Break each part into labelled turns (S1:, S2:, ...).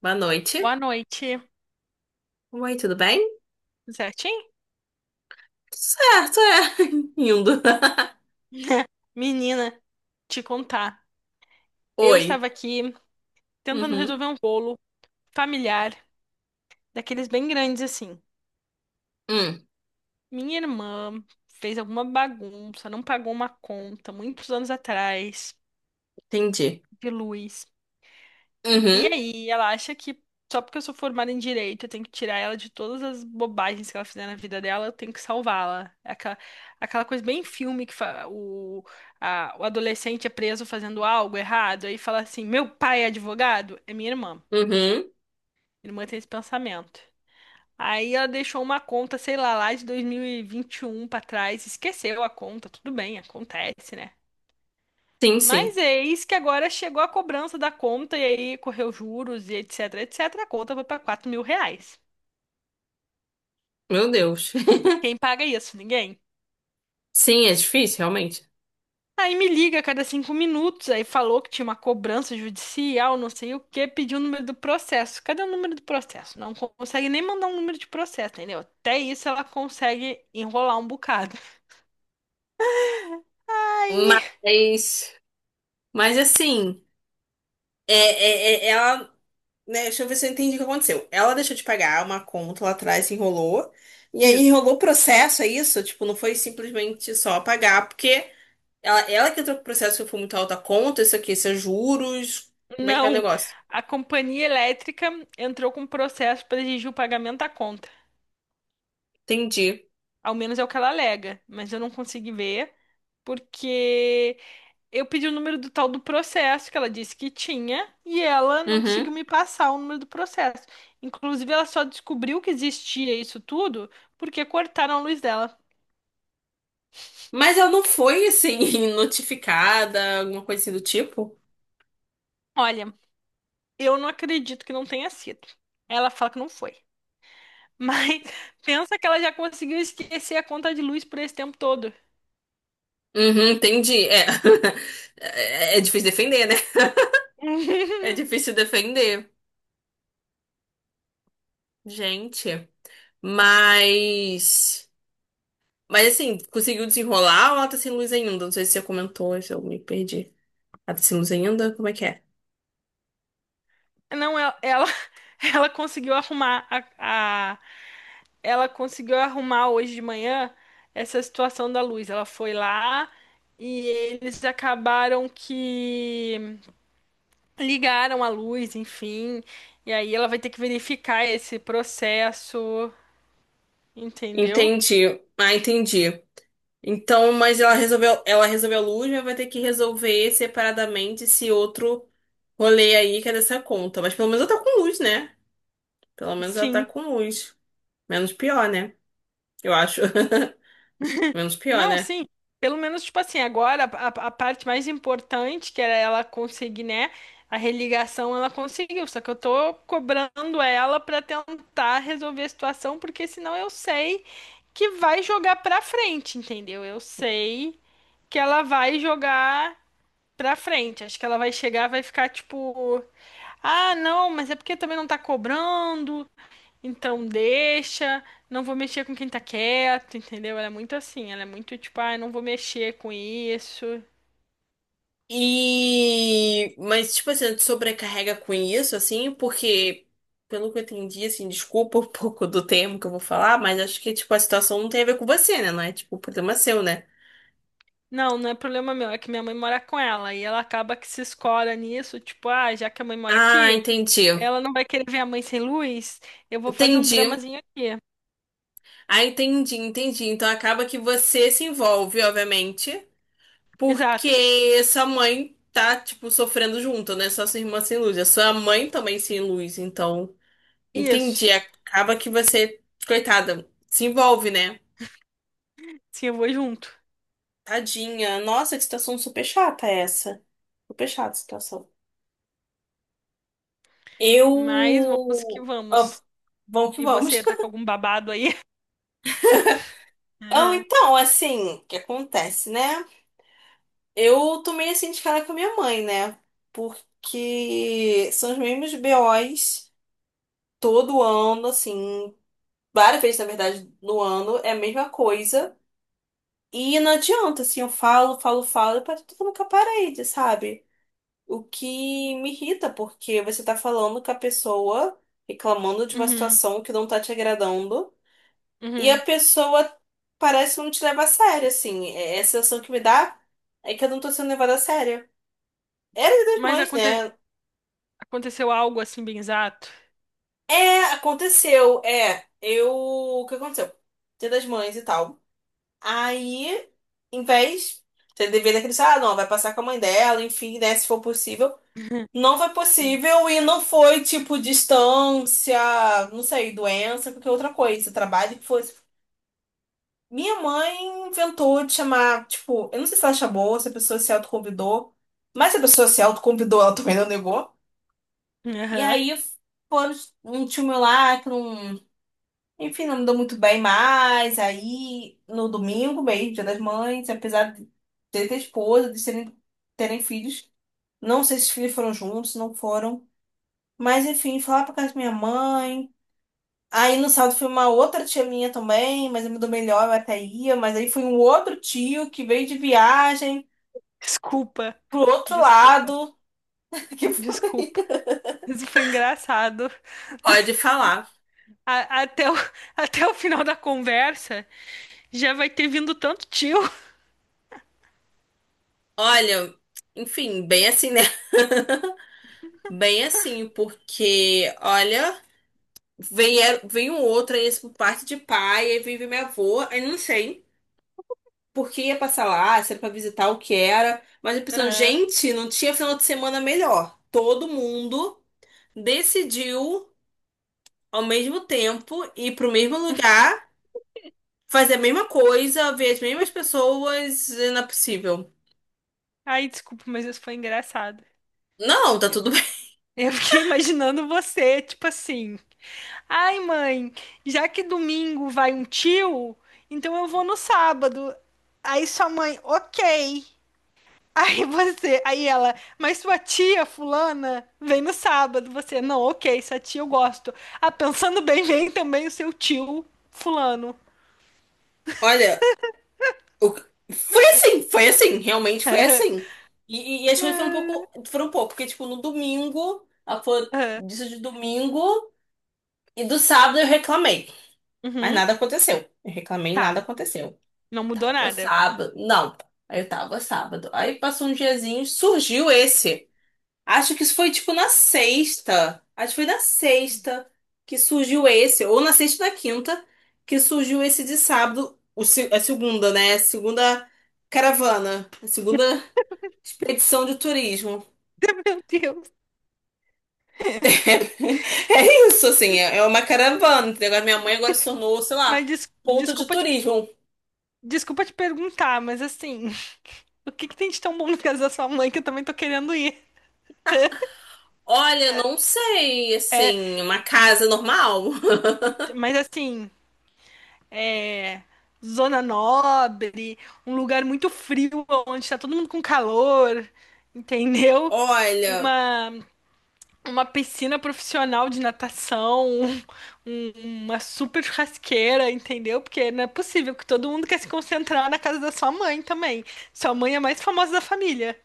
S1: Boa noite.
S2: Boa noite.
S1: Oi, tudo bem?
S2: Tudo certinho?
S1: Certo, é. Indo.
S2: Menina, te contar. Eu
S1: Oi.
S2: estava aqui tentando
S1: Uhum.
S2: resolver um bolo familiar, daqueles bem grandes assim.
S1: Hum,
S2: Minha irmã fez alguma bagunça, não pagou uma conta muitos anos atrás
S1: entendi.
S2: de luz. E
S1: Uhum.
S2: aí, ela acha que só porque eu sou formada em direito, eu tenho que tirar ela de todas as bobagens que ela fizer na vida dela, eu tenho que salvá-la. É aquela coisa bem filme, que fa- o, a- o adolescente é preso fazendo algo errado, aí fala assim: meu pai é advogado? É minha irmã.
S1: Uhum.
S2: Minha irmã tem esse pensamento. Aí ela deixou uma conta, sei lá, lá de dois mil e vinte e um pra trás, esqueceu a conta, tudo bem, acontece, né?
S1: Sim, sim.
S2: Mas eis que agora chegou a cobrança da conta e aí correu juros e etc, etc. A conta foi para R$ 4.000.
S1: Meu Deus.
S2: Quem paga isso? Ninguém.
S1: Sim, é difícil, realmente.
S2: Aí me liga a cada 5 minutos, aí falou que tinha uma cobrança judicial, não sei o quê, pediu o número do processo. Cadê o número do processo? Não consegue nem mandar um número de processo, entendeu? Até isso ela consegue enrolar um bocado.
S1: Mas, mas assim, é, é, é- ela, né, deixa eu ver se eu entendi o que aconteceu. Ela deixou de pagar uma conta lá atrás, se enrolou. E aí
S2: Isso.
S1: enrolou o processo, é isso? Tipo, não foi simplesmente só pagar, porque ela que entrou com o processo que foi muito alta conta, isso aqui, isso é juros. Como é que é o
S2: Não,
S1: negócio?
S2: a companhia elétrica entrou com processo para exigir o pagamento da conta.
S1: Entendi.
S2: Ao menos é o que ela alega, mas eu não consegui ver porque eu pedi o número do tal do processo que ela disse que tinha e ela não
S1: Uhum.
S2: conseguiu me passar o número do processo. Inclusive, ela só descobriu que existia isso tudo porque cortaram a luz dela.
S1: Mas ela não foi, assim, notificada, alguma coisa assim do tipo?
S2: Olha, eu não acredito que não tenha sido. Ela fala que não foi. Mas pensa que ela já conseguiu esquecer a conta de luz por esse tempo todo.
S1: Uhum, entendi. É. É difícil defender, né? É difícil defender. Gente. Mas. Mas assim, conseguiu desenrolar ou ela tá sem luz ainda? Não sei se você comentou, se eu me perdi. Ela tá sem luz ainda? Como é que é?
S2: Não, ela conseguiu arrumar a ela conseguiu arrumar hoje de manhã essa situação da luz. Ela foi lá e eles acabaram que ligaram a luz, enfim. E aí ela vai ter que verificar esse processo, entendeu?
S1: Entendi. Ah, entendi. Então, mas ela resolveu a luz, mas vai ter que resolver separadamente esse outro rolê aí que é dessa conta. Mas pelo menos ela tá com luz, né? Pelo menos ela tá
S2: Sim.
S1: com luz. Menos pior, né? Eu acho. Menos pior,
S2: Não,
S1: né?
S2: sim. Pelo menos, tipo assim, agora a parte mais importante, que era ela conseguir, né? A religação, ela conseguiu. Só que eu tô cobrando ela pra tentar resolver a situação, porque senão eu sei que vai jogar pra frente, entendeu? Eu sei que ela vai jogar pra frente. Acho que ela vai chegar, vai ficar tipo, ah, não, mas é porque também não tá cobrando. Então deixa, não vou mexer com quem tá quieto, entendeu? Ela é muito assim, ela é muito tipo, ah, não vou mexer com isso.
S1: E. Mas, tipo assim, te sobrecarrega com isso, assim, porque, pelo que eu entendi, assim, desculpa um pouco do termo que eu vou falar, mas acho que, tipo, a situação não tem a ver com você, né? Não é, tipo, problema é seu, né?
S2: Não, não é problema meu, é que minha mãe mora com ela e ela acaba que se escola nisso, tipo, ah, já que a mãe mora
S1: Ah,
S2: aqui,
S1: entendi.
S2: ela não vai querer ver a mãe sem luz, eu vou fazer um
S1: Entendi.
S2: dramazinho aqui.
S1: Ah, entendi. Então acaba que você se envolve, obviamente,
S2: Exato,
S1: porque sua mãe tá, tipo, sofrendo junto, né? Só sua irmã sem luz. A sua mãe também sem luz, então. Entendi.
S2: isso.
S1: Acaba que você, coitada, se envolve, né?
S2: Sim, eu vou junto.
S1: Tadinha. Nossa, que situação super chata essa. Super chata a situação.
S2: Mas vamos que
S1: Eu. Ah,
S2: vamos.
S1: vamos que
S2: E você,
S1: vamos.
S2: tá com algum babado aí?
S1: Ah, então, assim, o que acontece, né? Eu tomei assim de cara com a minha mãe, né? Porque são os mesmos BOs todo ano, assim, várias vezes, na verdade, no ano, é a mesma coisa. E não adianta, assim, eu falo, e parece que eu tô falando com a parede, sabe? O que me irrita, porque você tá falando com a pessoa, reclamando de uma
S2: Uhum,
S1: situação que não tá te agradando, e a
S2: uhum.
S1: pessoa parece não te leva a sério, assim. É a sensação que me dá é que eu não tô sendo levada a sério. Era de das
S2: Mas
S1: mães,
S2: aconte-
S1: né?
S2: aconteceu algo assim bem exato?
S1: É, aconteceu. É, eu. O que aconteceu? Dia das mães e tal. Aí, em vez de dever daquele, ah, não, vai passar com a mãe dela, enfim, né, se for possível. Não foi
S2: Sim.
S1: possível e não foi tipo distância, não sei, doença, qualquer outra coisa, trabalho que fosse. Minha mãe inventou de chamar, tipo, eu não sei se ela chamou, se a pessoa se autoconvidou, mas se a pessoa se autoconvidou, ela também não negou. E
S2: Aham.
S1: aí, foram um tio meu lá, que não. Enfim, não me dou muito bem mais. Aí, no domingo mesmo, Dia das Mães, apesar de ter esposa, de serem, terem filhos, não sei se os filhos foram juntos, se não foram. Mas, enfim, fui lá pra casa da minha mãe. Aí, no sábado, foi uma outra tia minha também, mas eu me dou melhor, eu até ia. Mas aí foi um outro tio que veio de viagem
S2: Desculpa,
S1: pro outro
S2: desculpa,
S1: lado. Que foi...
S2: desculpa. Isso foi engraçado.
S1: Pode falar.
S2: Até o, até o final da conversa já vai ter vindo tanto tio.
S1: Olha, enfim, bem assim, né? Bem assim, porque, olha. Vem, é, vem um outro, aí esse por parte de pai, aí vem minha avó, aí não sei por que ia passar lá, se era pra visitar o que era, mas eu pensando,
S2: Aham.
S1: gente, não tinha final de semana melhor. Todo mundo decidiu ao mesmo tempo ir pro mesmo lugar, fazer a mesma coisa, ver as mesmas pessoas, e não é possível.
S2: Ai, desculpa, mas isso foi engraçado.
S1: Não, tá
S2: Eu
S1: tudo bem.
S2: eu fiquei imaginando você, tipo assim. Ai, mãe, já que domingo vai um tio, então eu vou no sábado. Aí sua mãe, ok. Aí você, aí ela, mas sua tia fulana vem no sábado. Você, não, ok, sua tia eu gosto. Ah, pensando bem, vem também o seu tio fulano.
S1: Olha, O- realmente foi assim. E, e as coisas foram um pouco, porque tipo, no domingo, ela falou
S2: É.
S1: disso de domingo, e do sábado eu reclamei, mas
S2: Uhum,
S1: nada aconteceu. Eu reclamei, nada
S2: tá,
S1: aconteceu.
S2: não mudou
S1: Tava
S2: nada.
S1: sábado, não, aí eu tava sábado. Aí passou um diazinho, surgiu esse. Acho que isso foi tipo na sexta. Acho que foi na sexta que surgiu esse, ou na sexta ou na quinta, que surgiu esse de sábado, o, se- a segunda, né? Segunda caravana, a segunda expedição de turismo.
S2: Meu Deus.
S1: É isso, assim, é uma caravana. Entendeu? Agora minha mãe agora se tornou, sei lá,
S2: Mas des-
S1: ponto de
S2: desculpa te,
S1: turismo.
S2: desculpa te perguntar, mas assim, o que que tem de tão bom no caso da sua mãe que eu também tô querendo ir?
S1: Olha, não sei,
S2: É,
S1: assim, uma casa normal.
S2: mas assim, é, zona nobre, um lugar muito frio, onde está todo mundo com calor, entendeu?
S1: Olha,
S2: Uma, uma piscina profissional de natação, uma super churrasqueira, entendeu? Porque não é possível que todo mundo quer se concentrar na casa da sua mãe também. Sua mãe é a mais famosa da família.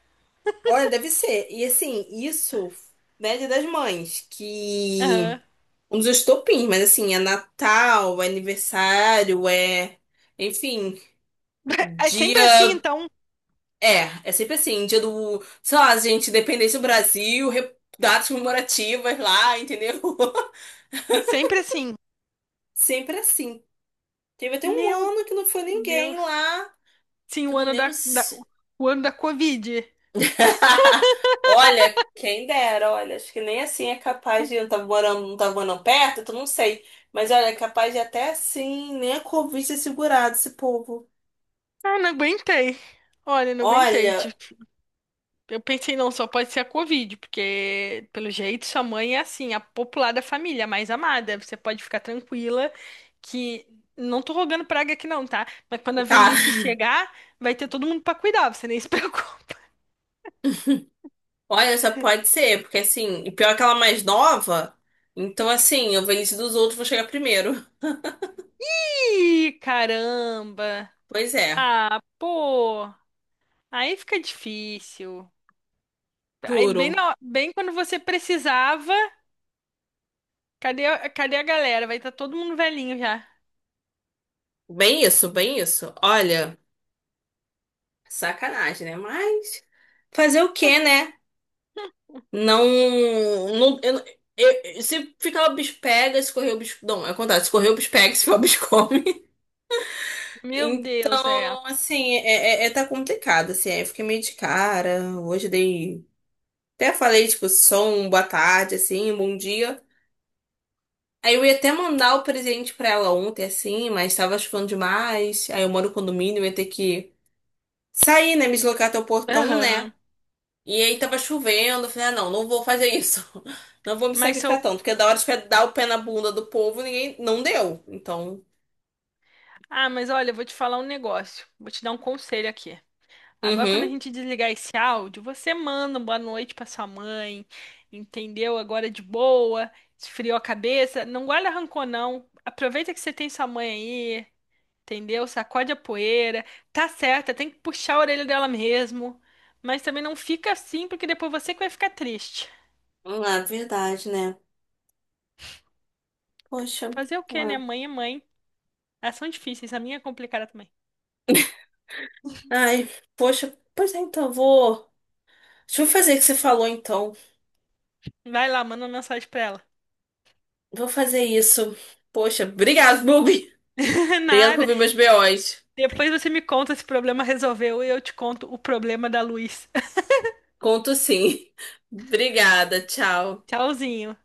S1: olha, deve ser. E assim, isso, né, Dia das Mães, que.
S2: Aham.
S1: Um dos estopins, mas assim, é Natal, é aniversário, é. Enfim,
S2: É
S1: dia.
S2: sempre assim, então.
S1: É, é sempre assim, dia do. Sei lá, gente, independência do Brasil, re- datas comemorativas lá, entendeu?
S2: Sempre assim.
S1: Sempre assim. Teve até um
S2: Meu
S1: ano que não foi ninguém
S2: Deus.
S1: lá,
S2: Sim,
S1: que eu não lembro se.
S2: o ano da Covid.
S1: Olha, quem dera, olha, acho que nem assim é capaz de. Eu não tava morando, Não tava morando perto, então não sei. Mas olha, é capaz de até assim, nem a Covid ter segurado esse povo.
S2: Ah, não aguentei. Olha, não aguentei.
S1: Olha.
S2: Tipo, eu pensei, não, só pode ser a Covid, porque, pelo jeito, sua mãe é assim, a popular da família, a mais amada. Você pode ficar tranquila que. Não tô rogando praga aqui, não, tá? Mas quando a
S1: Tá.
S2: velhice chegar, vai ter todo mundo pra cuidar, você nem se preocupe.
S1: Olha, só pode ser, porque assim, e pior que ela é mais nova, então assim, eu velhice dos outros vou chegar primeiro.
S2: Ih, caramba!
S1: Pois é,
S2: Ah, pô! Aí fica difícil. Aí, bem,
S1: juro.
S2: quando você precisava, cadê a galera? Vai estar todo mundo velhinho já.
S1: Bem isso, bem isso. Olha, sacanagem, né? Mas fazer o quê, né? Não, não, eu, se ficar o bicho pega, se correr o bicho, não, é o contrário, se correr o bicho pega, se ficar o bicho come.
S2: Meu Deus, é.
S1: Então, assim, tá complicado, assim, aí eu fiquei meio de cara. Hoje dei, até falei, tipo, som, boa tarde, assim, um bom dia. Aí eu ia até mandar o presente pra ela ontem, assim, mas tava chovendo demais. Aí eu moro no condomínio, eu ia ter que sair, né? Me deslocar até o portão, né?
S2: Aham.
S1: E aí tava chovendo. Eu falei, ah, não, não vou fazer isso. Não vou me
S2: Mas são.
S1: sacrificar tanto. Porque da hora de dar o pé na bunda do povo, ninguém não deu. Então,
S2: Ah, mas olha, eu vou te falar um negócio. Vou te dar um conselho aqui. Agora, quando a
S1: uhum.
S2: gente desligar esse áudio, você manda um boa noite pra sua mãe, entendeu? Agora de boa, esfriou a cabeça. Não guarda rancor, não. Aproveita que você tem sua mãe aí, entendeu? Sacode a poeira. Tá certa, tem que puxar a orelha dela mesmo. Mas também não fica assim, porque depois você que vai ficar triste.
S1: Ah, verdade, né? Poxa.
S2: Fazer o quê, né?
S1: Ah.
S2: Mãe é mãe. Elas são difíceis, a minha é complicada também.
S1: Ai, poxa. Pois é, então, eu vou. Deixa eu fazer o que você falou, então.
S2: Vai lá, manda uma mensagem pra ela.
S1: Vou fazer isso. Poxa, obrigado, Bubi. Obrigado por
S2: Nada.
S1: ouvir meus BOs.
S2: Depois você me conta se o problema resolveu e eu te conto o problema da luz.
S1: Conto sim. Obrigada, tchau.
S2: Tchauzinho.